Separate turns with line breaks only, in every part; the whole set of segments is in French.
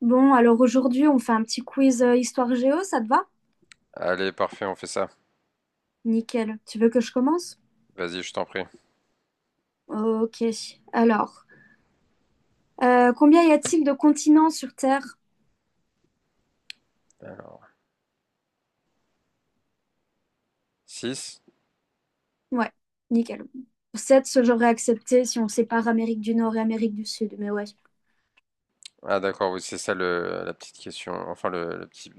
Bon, alors aujourd'hui, on fait un petit quiz histoire géo, ça te va?
Allez, parfait, on fait ça.
Nickel. Tu veux que je commence?
Vas-y, je t'en prie.
Ok. Alors, combien y a-t-il de continents sur Terre?
Alors, 6.
Ouais, nickel. 7, ce j'aurais accepté si on sépare Amérique du Nord et Amérique du Sud, mais ouais.
Ah d'accord, oui, c'est ça la petite question. Enfin, le petit...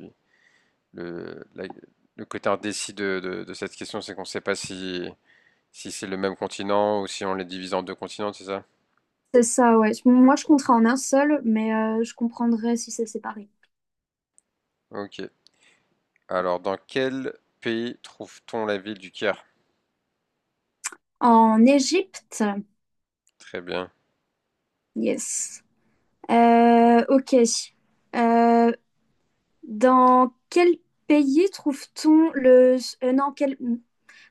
Le, la- le côté indécis de cette question, c'est qu'on ne sait pas si c'est le même continent ou si on les divise en deux continents, c'est ça?
C'est ça, ouais. Moi, je compterai en un seul, mais je comprendrais si c'est séparé.
Ok. Alors, dans quel pays trouve-t-on la ville du Caire?
En Égypte,
Très bien.
yes. Ok. Euh, dans quel pays trouve-t-on le... non, quel...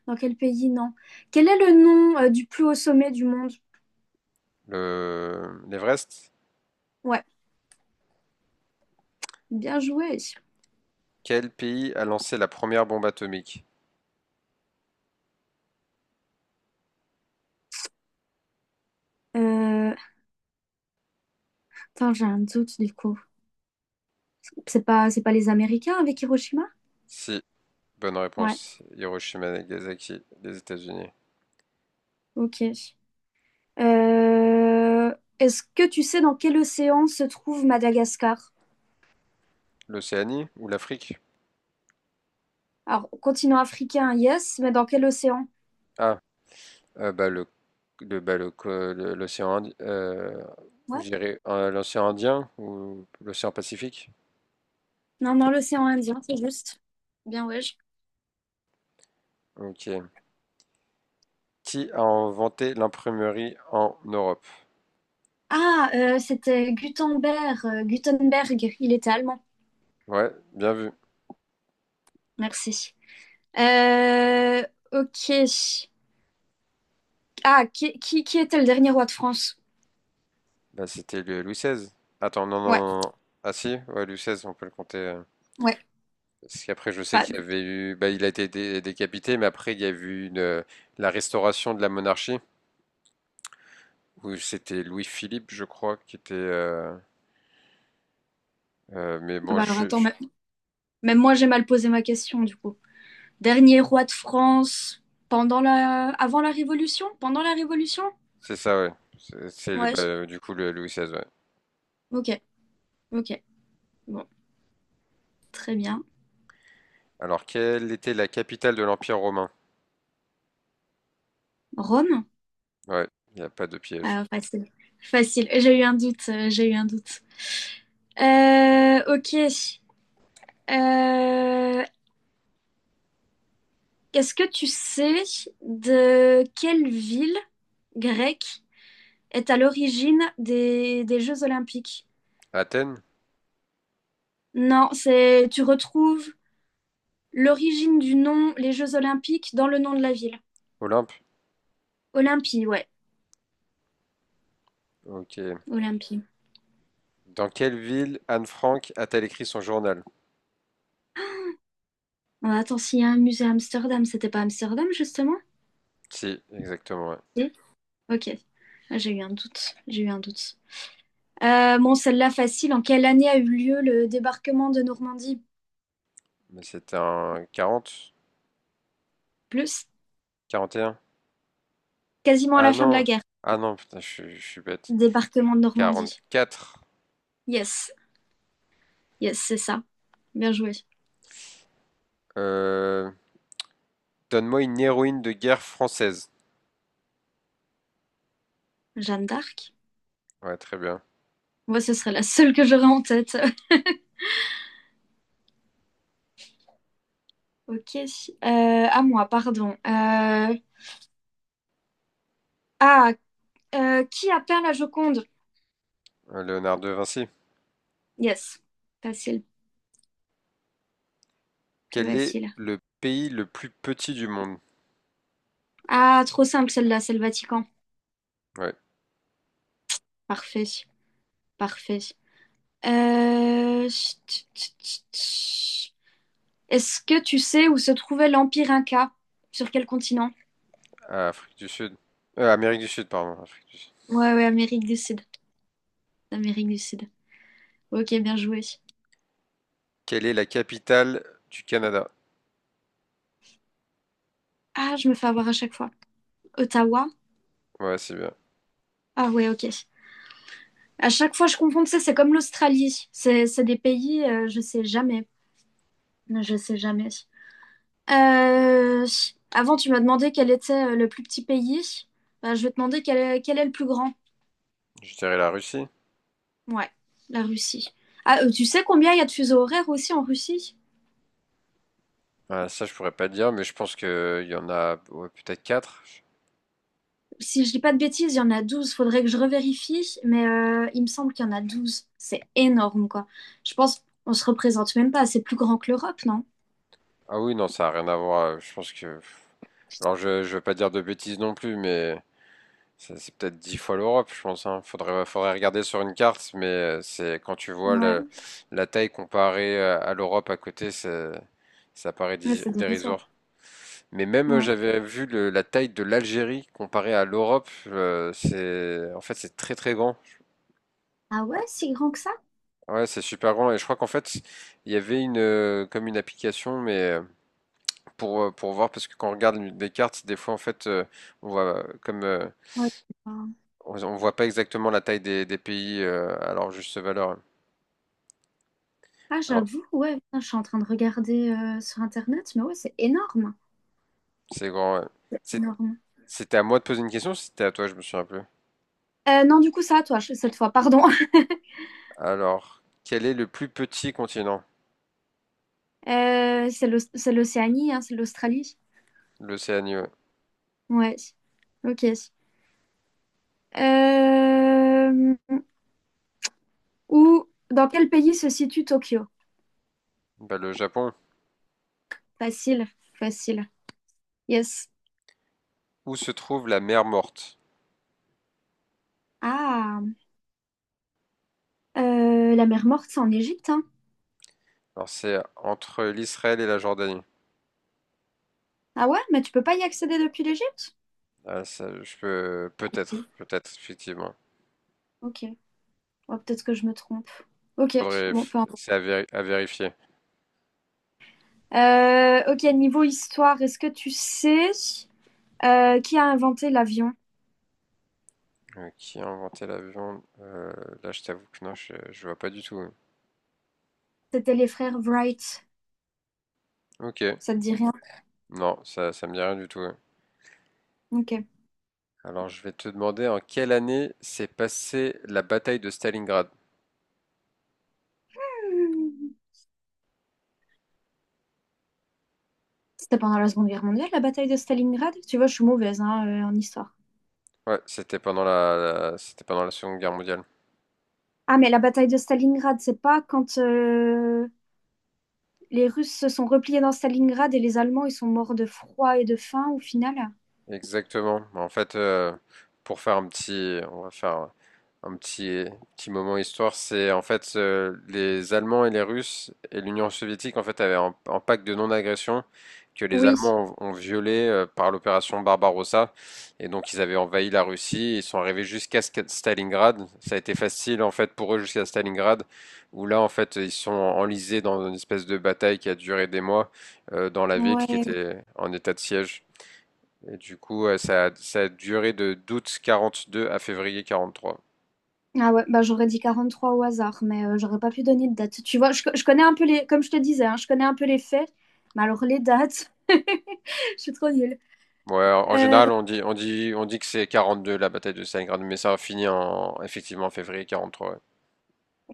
Dans quel pays? Non. Quel est le nom du plus haut sommet du monde?
L'Everest?
Ouais, bien joué.
Quel pays a lancé la première bombe atomique?
Euh... Attends, j'ai un doute du coup. C'est pas les Américains avec Hiroshima?
Si, bonne
Ouais,
réponse. Hiroshima, Nagasaki, les États-Unis.
ok. Est-ce que tu sais dans quel océan se trouve Madagascar?
L'Océanie ou l'Afrique?
Alors, continent africain, yes, mais dans quel océan?
Ah, bah, bah, le co- le- l'océan, Indi- je
Ouais.
dirais, l'océan Indien ou l'océan Pacifique.
Non, dans l'océan Indien, c'est juste. Bien, ouais.
Ok. Qui a inventé l'imprimerie en Europe?
Ah, c'était Gutenberg, Gutenberg, il était allemand.
Ouais, bien vu.
Merci. Euh, ok. Ah, qui était le dernier roi de France?
Bah, c'était le Louis XVI. Attends, non, non,
Ouais,
non, non. Ah si, ouais, Louis XVI, on peut le compter.
ouais.
Parce qu'après, je sais qu'il
Pas-
y avait eu, bah, il a été décapité, mais après, il y a eu la restauration de la monarchie où c'était Louis-Philippe, je crois, qui était. Mais
ah
bon,
bah alors attends, mais, même moi j'ai mal posé ma question du coup. Dernier roi de France pendant la... avant la Révolution? Pendant la Révolution?
C'est ça, ouais. C'est bah,
Ouais,
du coup le Louis XVI, ouais.
ok, ok. Bon, très bien.
Alors, quelle était la capitale de l'Empire romain?
Rome?
Ouais, il n'y a pas de piège.
Ah, facile. Facile. J'ai eu un doute, j'ai eu un doute. Ok. Euh, est-ce que tu sais de quelle ville grecque est à l'origine des Jeux Olympiques?
Athènes?
Non, c'est tu retrouves l'origine du nom, les Jeux Olympiques, dans le nom de la ville.
Olympe?
Olympie, ouais,
Ok.
Olympie.
Dans quelle ville Anne Frank a-t-elle écrit son journal?
Oh, attends, s'il y a un musée à Amsterdam, c'était pas Amsterdam justement?
Si, exactement, ouais.
Si. Ok. Ah, j'ai eu un doute, j'ai eu un doute. Bon, celle-là facile. En quelle année a eu lieu le débarquement de Normandie?
Mais c'était un quarante?
Plus,
Quarante et un.
quasiment à
Ah
la fin de la
non!
guerre.
Ah non, putain, je suis bête.
Débarquement de Normandie.
44.
Yes, yes, c'est ça. Bien joué.
Euh, Donne-moi une héroïne de guerre française.
Jeanne d'Arc.
Ouais, très bien.
Moi, ce serait la seule que j'aurais en tête. Ok. À moi, pardon. Ah, qui a peint la Joconde?
Léonard de Vinci.
Yes. Facile,
Quel est
facile.
le pays le plus petit du monde?
Ah, trop simple celle-là, c'est le Vatican.
Ouais.
Parfait, parfait. Chut, chut, chut, chut. Est-ce que tu sais où se trouvait l'Empire Inca? Sur quel continent?
Ah, Afrique du Sud. Amérique du Sud, pardon. Afrique du Sud.
Ouais, ouais, Amérique du Sud. Amérique du Sud. Ok, bien joué.
Quelle est la capitale du Canada?
Ah, je me fais avoir à chaque fois. Ottawa?
Ouais, c'est bien.
Ah ouais, ok. À chaque fois, je confonds, tu sais, c'est comme l'Australie. C'est des pays, je sais jamais. Je sais jamais. Euh, avant, tu m'as demandé quel était le plus petit pays. Bah, je vais te demander quel est le plus grand.
Je dirais la Russie.
Ouais, la Russie. Ah, tu sais combien il y a de fuseaux horaires aussi en Russie?
Ah, ça, je pourrais pas dire, mais je pense que il y en a, ouais, peut-être quatre.
Si je dis pas de bêtises, il y en a 12. Faudrait que je revérifie, mais il me semble qu'il y en a 12. C'est énorme, quoi. Je pense qu'on se représente même pas. C'est plus grand que l'Europe, non?
Ah oui, non, ça a rien à voir. Je pense que. Alors, je veux pas dire de bêtises non plus, mais c'est peut-être dix fois l'Europe, je pense, hein. Faudrait regarder sur une carte, mais c'est quand tu vois
Ouais,
la taille comparée à l'Europe à côté, ça paraît
ouais,
dé-
c'est dérisoire.
dérisoire. Mais même
Ouais.
j'avais vu la taille de l'Algérie comparée à l'Europe, c'est, en fait, c'est très très grand.
Ah ouais, si grand que ça?
Ouais, c'est super grand et je crois qu'en fait il y avait une, comme une application, mais pour voir, parce que quand on regarde des cartes, des fois en fait, on voit euh, comme euh,
Ouais.
on voit pas exactement la taille des pays, alors juste valeur.
Ah,
Alors
j'avoue, ouais, putain, je suis en train de regarder sur Internet, mais ouais, c'est énorme.
c'est grand, ouais. C'est-
Énorme.
C'était à moi de poser une question, ou c'était à toi, je me souviens plus.
Non, du coup, ça, toi, je, cette fois, pardon.
Alors, quel est le plus petit continent?
C'est l'Océanie, hein, c'est l'Australie.
L'Océanie, ouais.
Ouais, ok. Euh, dans quel pays se situe Tokyo?
Bah, le Japon.
Facile, facile. Yes.
Où se trouve la mer Morte?
Ah, la mer Morte, c'est en Égypte, hein.
Alors c'est entre l'Israël et la Jordanie.
Ah ouais, mais tu peux pas y accéder depuis l'Égypte?
Ah, ça, je peux
Oui.
peut-être, peut-être effectivement.
Ok. Ouais, peut-être que je me trompe. Ok,
Faudrait,
bon, peu importe.
c'est à vérifier.
Ok, niveau histoire, est-ce que tu sais qui a inventé l'avion?
Qui a inventé l'avion? Là, je t'avoue que non, je vois pas du tout, ouais.
C'était les frères Wright.
Ok,
Ça te dit rien?
non, ça me dit rien du tout, ouais.
Ok.
Alors je vais te demander en quelle année s'est passée la bataille de Stalingrad?
C'était pendant la Seconde Guerre mondiale, la bataille de Stalingrad? Tu vois, je suis mauvaise hein, en histoire.
Ouais, c'était pendant la Seconde Guerre mondiale.
Ah, mais la bataille de Stalingrad, c'est pas quand les Russes se sont repliés dans Stalingrad et les Allemands, ils sont morts de froid et de faim au final?
Exactement. Bah, en fait, pour faire un petit, on va faire un petit, petit moment histoire. C'est, en fait, les Allemands et les Russes et l'Union soviétique, en fait, avaient un pacte de non-agression que les
Oui.
Allemands ont violé, par l'opération Barbarossa. Et donc ils avaient envahi la Russie, ils sont arrivés jusqu'à Stalingrad. Ça a été facile, en fait, pour eux jusqu'à Stalingrad, où là, en fait, ils sont enlisés dans une espèce de bataille qui a duré des mois, dans la ville qui
Ouais.
était en état de siège. Et du coup, ça a duré de d'août 42 à février 43.
Ah ouais, bah j'aurais dit 43 au hasard, mais j'aurais pas pu donner de date. Tu vois, je connais un peu les... Comme je te disais, hein, je connais un peu les faits, mais alors les dates, je suis trop nulle.
Ouais, en
Euh,
général, on dit que c'est 42 la bataille de Stalingrad, mais ça a fini effectivement en février 43, ouais.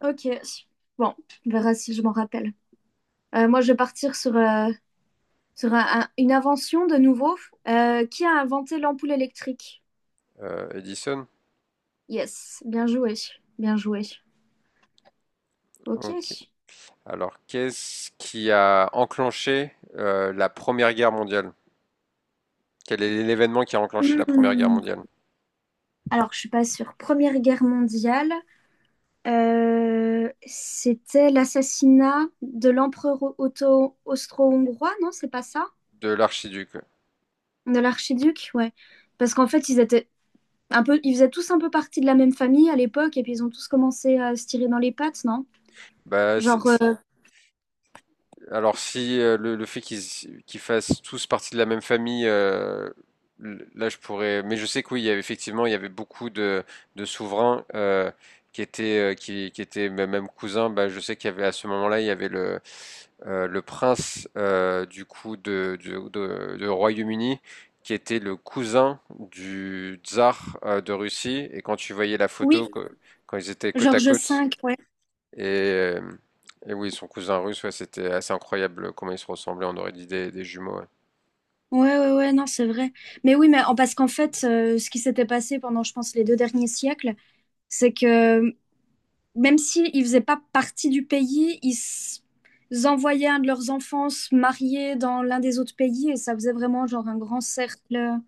ok. Bon, on verra si je m'en rappelle. Moi, je vais partir sur sur une invention de nouveau. Qui a inventé l'ampoule électrique?
Edison?
Yes, bien joué, bien joué. Ok.
Ok. Alors, qu'est-ce qui a enclenché, la Première Guerre mondiale? Quel est l'événement qui a enclenché la Première Guerre
Hmm.
mondiale?
Alors, je suis pas sûre. Première Guerre mondiale, c'était l'assassinat de l'empereur austro-hongrois, non? C'est pas ça?
De l'archiduc, ouais.
De l'archiduc, ouais. Parce qu'en fait, ils étaient un peu, ils faisaient tous un peu partie de la même famille à l'époque, et puis ils ont tous commencé à se tirer dans les pattes, non?
Bah, c'est
Genre,
Alors si, le fait qu'ils fassent tous partie de la même famille, là je pourrais. Mais je sais que oui, il y avait effectivement, il y avait beaucoup de souverains, qui étaient même cousins. Bah, je sais qu'il y avait à ce moment-là, il y avait le prince, du coup de Royaume-Uni qui était le cousin du tsar, de Russie. Et quand tu voyais la
oui,
photo quand ils étaient côte à
Georges
côte.
V, ouais.
Et, euh, et oui, son cousin russe, ouais, c'était assez incroyable comment ils se ressemblaient. On aurait dit des jumeaux. Ouais,
Ouais, ouais, ouais, non, c'est vrai. Mais oui, parce qu'en fait, ce qui s'était passé pendant, je pense, les deux derniers siècles, c'est que euh, même s'ils ne faisaient pas partie du pays, ils envoyaient un de leurs enfants se marier dans l'un des autres pays et ça faisait vraiment genre un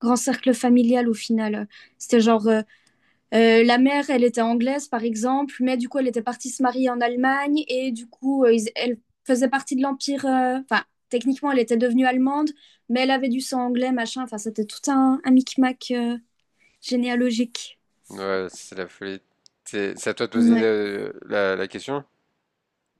grand cercle familial au final. C'était genre la mère, elle était anglaise, par exemple, mais du coup, elle était partie se marier en Allemagne et du coup, elle faisait partie de l'Empire. Enfin, techniquement, elle était devenue allemande, mais elle avait du sang anglais, machin. Enfin, c'était tout un micmac généalogique.
ouais, c'est la folie. C'est à toi de poser,
Ouais.
la question?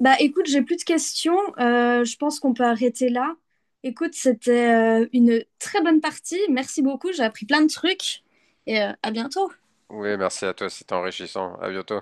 Bah, écoute, j'ai plus de questions. Je pense qu'on peut arrêter là. Écoute, c'était une très bonne partie. Merci beaucoup. J'ai appris plein de trucs et à bientôt.
Oui, merci à toi, c'était enrichissant. À bientôt.